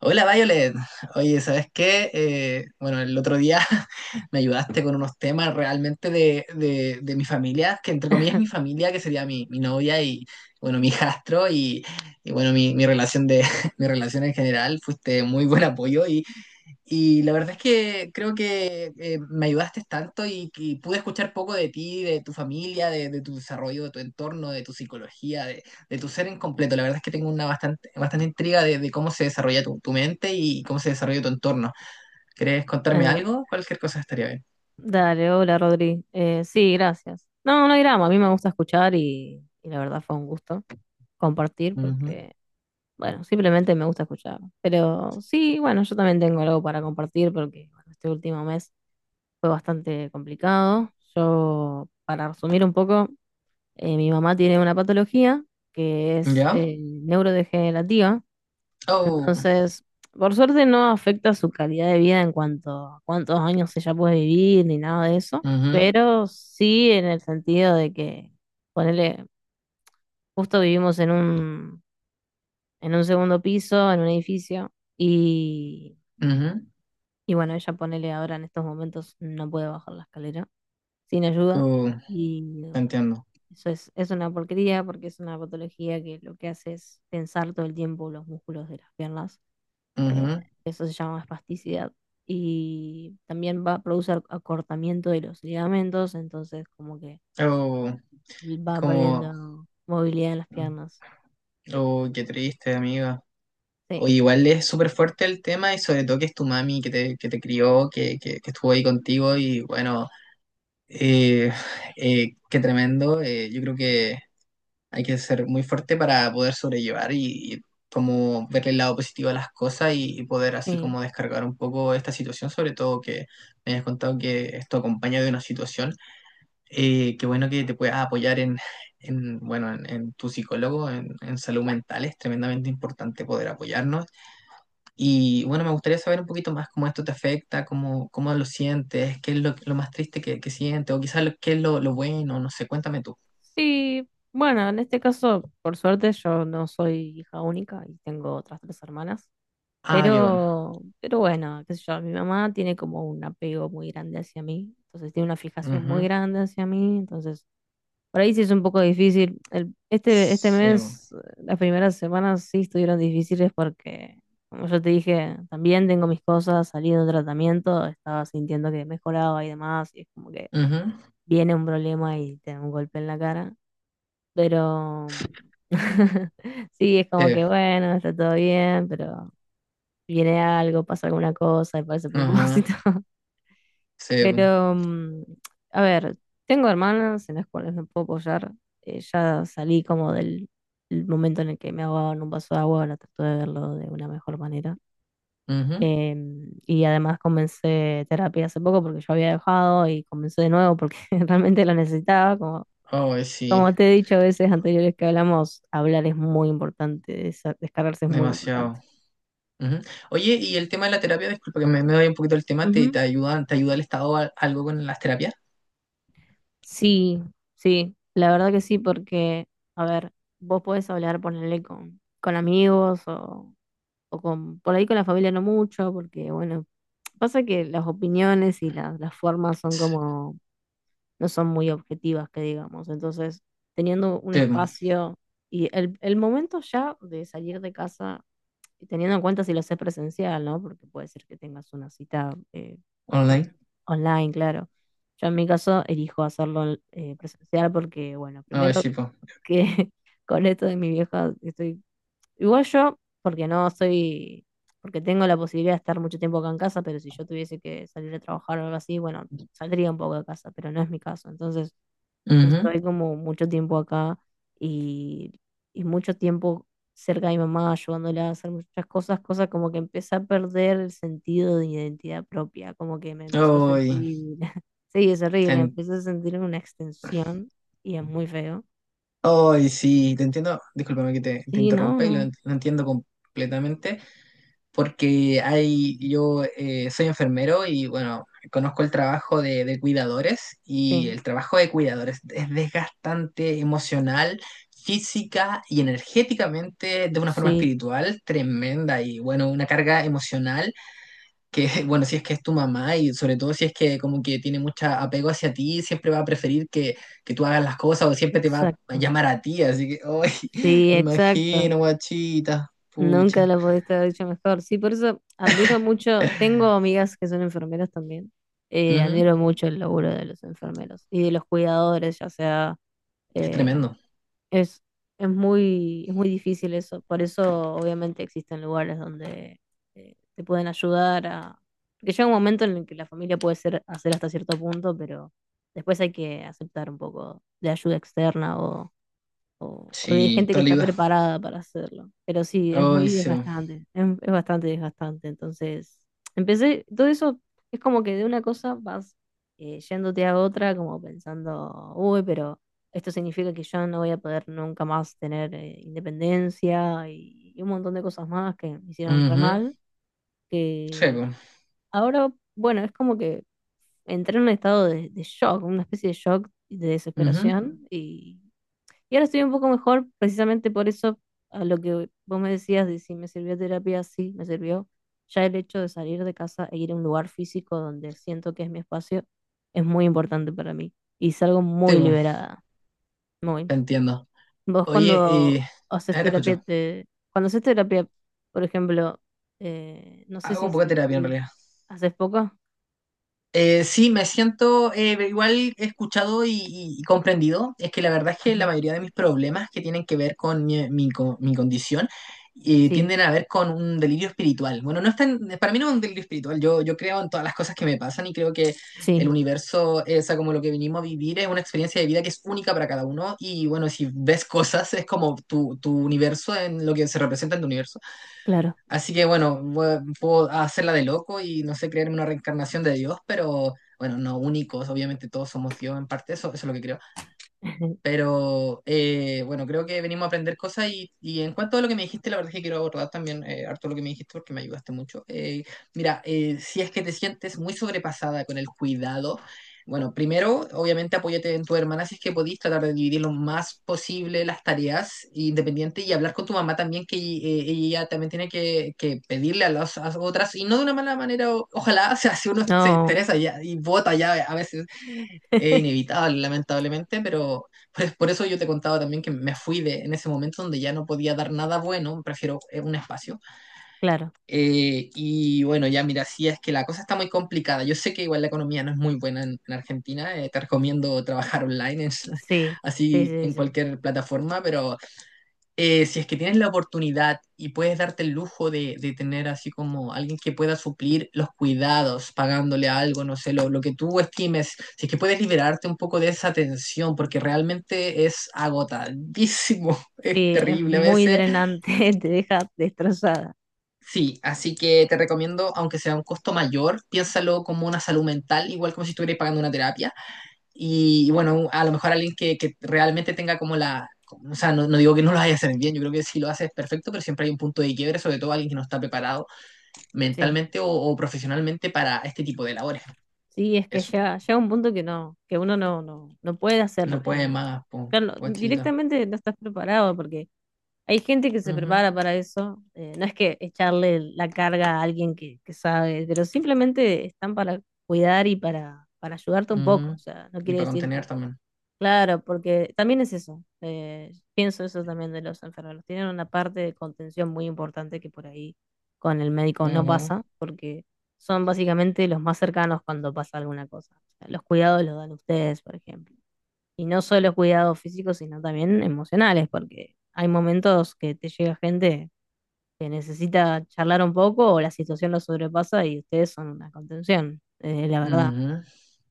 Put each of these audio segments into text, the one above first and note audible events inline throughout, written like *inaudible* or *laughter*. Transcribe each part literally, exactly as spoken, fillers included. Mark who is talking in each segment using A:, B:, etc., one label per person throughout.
A: Hola Violet, oye, ¿sabes qué? Eh, bueno, el otro día *laughs* me ayudaste con unos temas realmente de, de, de mi familia, que entre comillas mi familia, que sería mi, mi novia y, bueno, mi hijastro y, y, bueno, mi, mi relación de, *laughs* mi relación en general. Fuiste muy buen apoyo y la verdad es que creo que eh, me ayudaste tanto y, y pude escuchar poco de ti, de tu familia, de, de tu desarrollo, de tu entorno, de tu psicología, de, de tu ser en completo. La verdad es que tengo una bastante, bastante intriga de, de cómo se desarrolla tu, tu mente y cómo se desarrolla tu entorno. ¿Querés contarme
B: Eh,
A: algo? Cualquier cosa estaría bien.
B: dale, hola Rodri. Eh, sí, gracias. No, no hay drama, a mí me gusta escuchar y, y la verdad fue un gusto compartir porque, bueno, simplemente me gusta escuchar. Pero sí, bueno, yo también tengo algo para compartir porque bueno, este último mes fue bastante complicado. Yo, para resumir un poco, eh, mi mamá tiene una patología que
A: Ujú.
B: es
A: ¿Ya?
B: eh, neurodegenerativa.
A: Oh,
B: Entonces, por suerte no afecta su calidad de vida en cuanto a cuántos años ella puede vivir ni nada de eso,
A: ujú,
B: pero sí en el sentido de que, ponele, justo vivimos en un, en un segundo piso, en un edificio, y,
A: ujú.
B: y bueno, ella ponele ahora en estos momentos no puede bajar la escalera sin ayuda,
A: Oh,
B: y bueno,
A: entiendo.
B: eso es, es una porquería porque es una patología que lo que hace es tensar todo el tiempo los músculos de las piernas. eh,
A: Ujú.
B: eso se llama espasticidad. Y también va a producir acortamiento de los ligamentos, entonces como que
A: Oh, es
B: va
A: como...
B: perdiendo movilidad en las piernas.
A: Oh, qué triste, amiga.
B: Sí,
A: O igual es súper fuerte el tema y sobre todo que es tu mami que te, que te crió, que, que, que estuvo ahí contigo y bueno, eh, eh, qué tremendo. Eh, yo creo que hay que ser muy fuerte para poder sobrellevar y, y como verle el lado positivo a las cosas y, y poder así
B: sí.
A: como descargar un poco esta situación, sobre todo que me hayas contado que esto acompaña de una situación. Eh, qué bueno que te puedas apoyar en, en, bueno, en, en tu psicólogo, en, en salud mental. Es tremendamente importante poder apoyarnos y bueno, me gustaría saber un poquito más cómo esto te afecta, cómo, cómo lo sientes, qué es lo, lo más triste que, que sientes, o quizás lo- qué es lo, lo bueno, no sé, cuéntame tú.
B: Sí, bueno, en este caso, por suerte, yo no soy hija única y tengo otras tres hermanas.
A: Ah, qué bueno.
B: Pero, pero bueno, qué sé yo, mi mamá tiene como un apego muy grande hacia mí, entonces tiene una fijación muy
A: Ujú.
B: grande hacia mí, entonces por ahí sí es un poco difícil. El- este, este
A: Sí, bo.
B: mes, las primeras semanas sí estuvieron difíciles porque, como yo te dije, también tengo mis cosas, salí de un tratamiento, estaba sintiendo que mejoraba y demás, y es como que
A: Ujú.
B: viene un problema y te da un golpe en la cara. Pero *laughs* sí, es como
A: Sí.
B: que bueno, está todo bien, pero viene algo, pasa alguna cosa y parece a propósito.
A: Ajá. Sí, bo.
B: Pero, mm, a ver, tengo hermanas en las cuales me puedo apoyar. Eh, ya salí como del, del momento en el que me ahogaba en un vaso de agua, ahora trato de verlo de una mejor manera.
A: Ujú.
B: Em, y además comencé terapia hace poco porque yo había dejado y comencé de nuevo porque *laughs* realmente lo necesitaba. Como,
A: Ay, sí,
B: como te he dicho a veces anteriores que hablamos, hablar es muy importante, desa- descargarse es muy
A: demasiado.
B: importante.
A: Ujú. Oye, y el tema de la terapia, disculpa que me, me doy un poquito el tema, ¿te, te ayudan, te ayuda el Estado a- algo con las terapias?
B: Sí, sí, la verdad que sí, porque, a ver, vos podés hablar, ponerle con, con amigos o, o con, por ahí con la familia no mucho, porque, bueno, pasa que las opiniones y las las formas son como, no son muy objetivas, que digamos. Entonces, teniendo un
A: Sí, bo.
B: espacio y el, el momento ya de salir de casa y teniendo en cuenta si lo haces presencial, ¿no? Porque puede ser que tengas una cita eh, por-
A: Online.
B: online, claro. Yo en mi caso elijo hacerlo eh, presencial porque, bueno,
A: Ay,
B: primero
A: sí, pues.
B: que *laughs* con esto de mi vieja estoy... Igual yo, porque no soy... Porque tengo la posibilidad de estar mucho tiempo acá en casa, pero si yo tuviese que salir a trabajar o algo así, bueno, saldría un poco de casa, pero no es mi caso. Entonces, estoy como mucho tiempo acá y, y mucho tiempo cerca de mi mamá, ayudándola a hacer muchas cosas, cosas como que empecé a perder el sentido de identidad propia, como que me empecé a
A: Ay,
B: sentir, *laughs* sí, es horrible,
A: te
B: empecé a sentirme una extensión y es muy feo.
A: ay, sí, te entiendo, discúlpame que te, te
B: Sí, no,
A: interrumpa y lo,
B: no,
A: ent- lo entiendo completamente, porque hay, yo eh, soy enfermero y bueno, conozco el trabajo de, de cuidadores y
B: sí,
A: el trabajo de cuidadores es desgastante emocional, física y energéticamente de una forma
B: sí,
A: espiritual tremenda y bueno, una carga emocional que, *laughs* bueno, si es que es tu mamá y sobre todo si es que como que tiene mucho apego hacia ti, siempre va a preferir que, que tú hagas las cosas o siempre te va a
B: exacto,
A: llamar a ti, así que, hoy *laughs*
B: sí,
A: me
B: exacto,
A: imagino, guachita,
B: nunca
A: pucha.
B: lo pudiste haber dicho mejor. Sí, por eso admiro mucho, tengo amigas que son enfermeras también. Eh,
A: Ujú.
B: admiro mucho el laburo de los enfermeros y de los cuidadores, ya sea,
A: Es
B: eh,
A: tremendo.
B: es, es muy, es muy difícil eso. Por eso obviamente existen lugares donde eh, te pueden ayudar a... Porque llega un momento en el que la familia puede ser, hacer hasta cierto punto, pero después hay que aceptar un poco de ayuda externa o, o de
A: Sí,
B: gente
A: te
B: que está
A: ayuda.
B: preparada para hacerlo. Pero sí, es
A: Ay,
B: muy
A: sí, po.
B: desgastante, es, es bastante desgastante. Entonces, empecé, todo eso es como que de una cosa vas eh, yéndote a otra, como pensando, uy, pero esto significa que yo no voy a poder nunca más tener eh, independencia y, y un montón de cosas más que me hicieron re
A: Ujú.
B: mal,
A: Sí,
B: que
A: po.
B: ahora, bueno, es como que entré en un estado de, de shock, una especie de shock y de
A: Ujú.
B: desesperación y y ahora estoy un poco mejor, precisamente por eso, a lo que vos me decías de si me sirvió terapia, sí, me sirvió. Ya el hecho de salir de casa e ir a un lugar físico donde siento que es mi espacio es muy importante para mí. Y salgo
A: Sí,
B: muy
A: po.
B: liberada, muy.
A: Te entiendo.
B: Vos
A: Oye,
B: cuando
A: eh,
B: haces
A: ah, te
B: terapia,
A: escucho.
B: te... cuando haces terapia, por ejemplo, eh, no sé
A: Hago
B: si
A: poca terapia en
B: sentís,
A: realidad.
B: ¿haces poco?
A: Eh, sí, me siento eh, igual escuchado y, y- y comprendido. Es que la verdad es que la
B: Ujú.
A: mayoría de mis problemas que tienen que ver con mi, mi co- mi condición eh,
B: Sí,
A: tienden a ver con un delirio espiritual. Bueno, no es tan- para mí no es un delirio espiritual. Yo, yo creo en todas las cosas que me pasan y creo que el
B: sí,
A: universo, eh, o sea, como lo que venimos a vivir, es una experiencia de vida que es única para cada uno. Y bueno, si ves cosas, es como tu, tu universo en lo que se representa en tu universo.
B: claro.
A: Así que bueno, voy- puedo hacerla de loco y no sé, creerme una reencarnación de Dios, pero bueno, no únicos, obviamente todos somos Dios en parte, eso, eso es lo que creo.
B: *laughs*
A: Pero eh, bueno, creo que venimos a aprender cosas y, y en cuanto a lo que me dijiste, la verdad es que quiero abordar también eh, harto lo que me dijiste porque me ayudaste mucho. Eh, mira, eh, si es que te sientes muy sobrepasada con el cuidado, bueno, primero, obviamente apóyate en tu hermana si es que podís tratar de dividir lo más posible las tareas independientes y hablar con tu mamá también, que eh, ella también tiene que, que pedirle a las a otras y no de una mala manera, o- ojalá, *laughs* o sea, si uno se
B: No,
A: interesa ya y vota ya a veces es inevitable, lamentablemente, pero pues, por eso yo te contaba también que me fui de, en ese momento donde ya no podía dar nada bueno, prefiero eh, un espacio.
B: claro.
A: Eh, y bueno, ya mira, sí es que la cosa está muy complicada. Yo sé que igual la economía no es muy buena en, en Argentina, eh, te recomiendo trabajar online, es-
B: Sí,
A: *laughs*
B: sí,
A: así
B: sí,
A: en
B: sí.
A: cualquier plataforma, pero eh, si es que tienes la oportunidad y puedes darte el lujo de, de tener así como alguien que pueda suplir los cuidados, pagándole algo, no sé, lo, lo que tú estimes, si es que puedes liberarte un poco de esa tensión, porque realmente es agotadísimo, *laughs* es
B: Sí, es
A: terrible a
B: muy
A: veces.
B: drenante, *laughs* te deja destrozada.
A: Sí, así que te recomiendo, aunque sea un costo mayor, piénsalo como una salud mental, igual como si estuvieras pagando una terapia. Y bueno, a lo mejor alguien que, que realmente tenga como la... O sea, no, no digo que no lo vaya a hacer bien, yo creo que si lo hace es perfecto, pero siempre hay un punto de quiebre, sobre todo alguien que no está preparado
B: Sí,
A: mentalmente o, o profesionalmente para este tipo de labores.
B: sí, es que
A: Eso,
B: ya llega un punto que no, que uno no, no, no puede
A: no
B: hacer,
A: puede
B: eh,
A: más, po,
B: claro,
A: guachita.
B: directamente no estás preparado porque hay gente que se
A: Ujú,
B: prepara para eso. Eh, no es que echarle la carga a alguien que, que sabe, pero simplemente están para cuidar y para, para ayudarte un poco.
A: ujú.
B: O sea, no
A: Y
B: quiere
A: para
B: decir
A: contener
B: que
A: también.
B: claro, porque también es eso. Eh, pienso eso también de los enfermeros. Tienen una parte de contención muy importante que por ahí con el médico no
A: Ujú,
B: pasa, porque son básicamente los más cercanos cuando pasa alguna cosa. O sea, los cuidados los dan ustedes, por ejemplo. Y no solo cuidados físicos, sino también emocionales, porque hay momentos que te llega gente que necesita charlar un poco o la situación lo sobrepasa y ustedes son una contención, eh, la verdad.
A: ujú.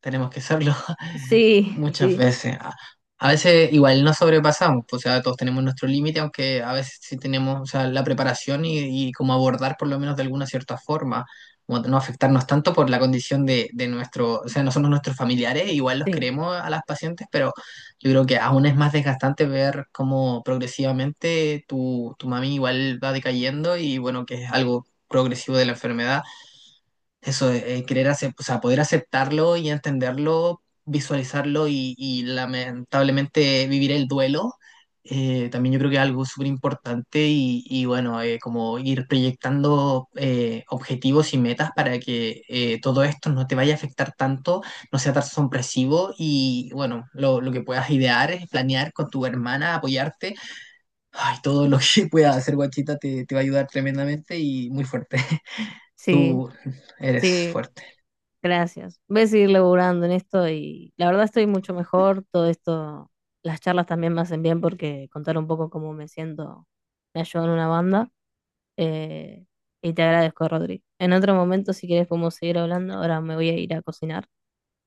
A: Tenemos que serlo. *laughs*
B: Sí,
A: Muchas
B: sí,
A: veces. A, a veces igual no sobrepasamos, pues, o sea, todos tenemos nuestro límite, aunque a veces sí tenemos, o sea, la preparación y, y cómo abordar por lo menos de alguna cierta forma, como no afectarnos tanto por la condición de, de nuestro, o sea, no somos nuestros familiares, igual los
B: sí,
A: queremos a las pacientes, pero yo creo que aún es más desgastante ver cómo progresivamente tu, tu mami igual va decayendo y bueno, que es algo progresivo de la enfermedad eso, eh, querer acep- o sea, poder aceptarlo y entenderlo, visualizarlo y, y lamentablemente vivir el duelo, eh, también yo creo que es algo súper importante y, y bueno, eh, como ir proyectando eh, objetivos y metas para que eh, todo esto no te vaya a afectar tanto, no sea tan sorpresivo y bueno, lo, lo que puedas idear, es planear con tu hermana, apoyarte, ay, todo lo que *laughs* puedas hacer, guachita, te, te va a ayudar tremendamente y muy fuerte. *laughs*
B: sí,
A: Tú eres
B: sí.
A: fuerte.
B: Gracias. Voy a seguir laburando en esto y la verdad estoy mucho mejor. Todo esto, las charlas también me hacen bien porque contar un poco cómo me siento me ayuda en una banda. Eh, y te agradezco, Rodri. En otro momento, si quieres, podemos seguir hablando. Ahora me voy a ir a cocinar.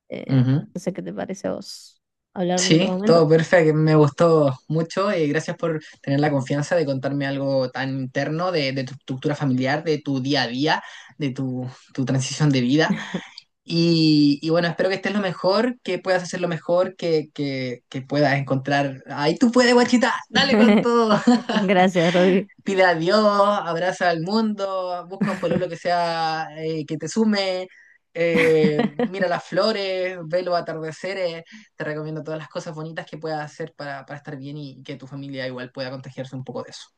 B: Eh,
A: Ujú.
B: no sé qué te parece a vos hablar en otro
A: Sí, todo
B: momento.
A: perfecto, me gustó mucho y gracias por tener la confianza de contarme algo tan interno de, de tu estructura familiar, de tu día a día, de tu, tu transición de vida. Y, y bueno, espero que estés lo mejor, que puedas hacer lo mejor, que, que, que puedas encontrar... Ahí tú puedes, guachita, dale con
B: *laughs*
A: todo. *laughs*
B: Gracias, Rodri.
A: Pide a Dios, abraza al mundo, busca un pololo que sea, eh, que te sume, eh,
B: *laughs*
A: mira las flores, ve los atardeceres, te recomiendo todas las cosas bonitas que puedas hacer para, para estar bien y que tu familia igual pueda contagiarse un poco de eso.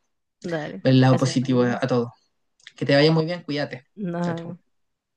B: Dale.
A: Ver el lado
B: Gracias,
A: positivo a,
B: Rodri.
A: todo. Que te vaya muy bien, cuídate.
B: Nos
A: Chao,
B: vemos.
A: chao.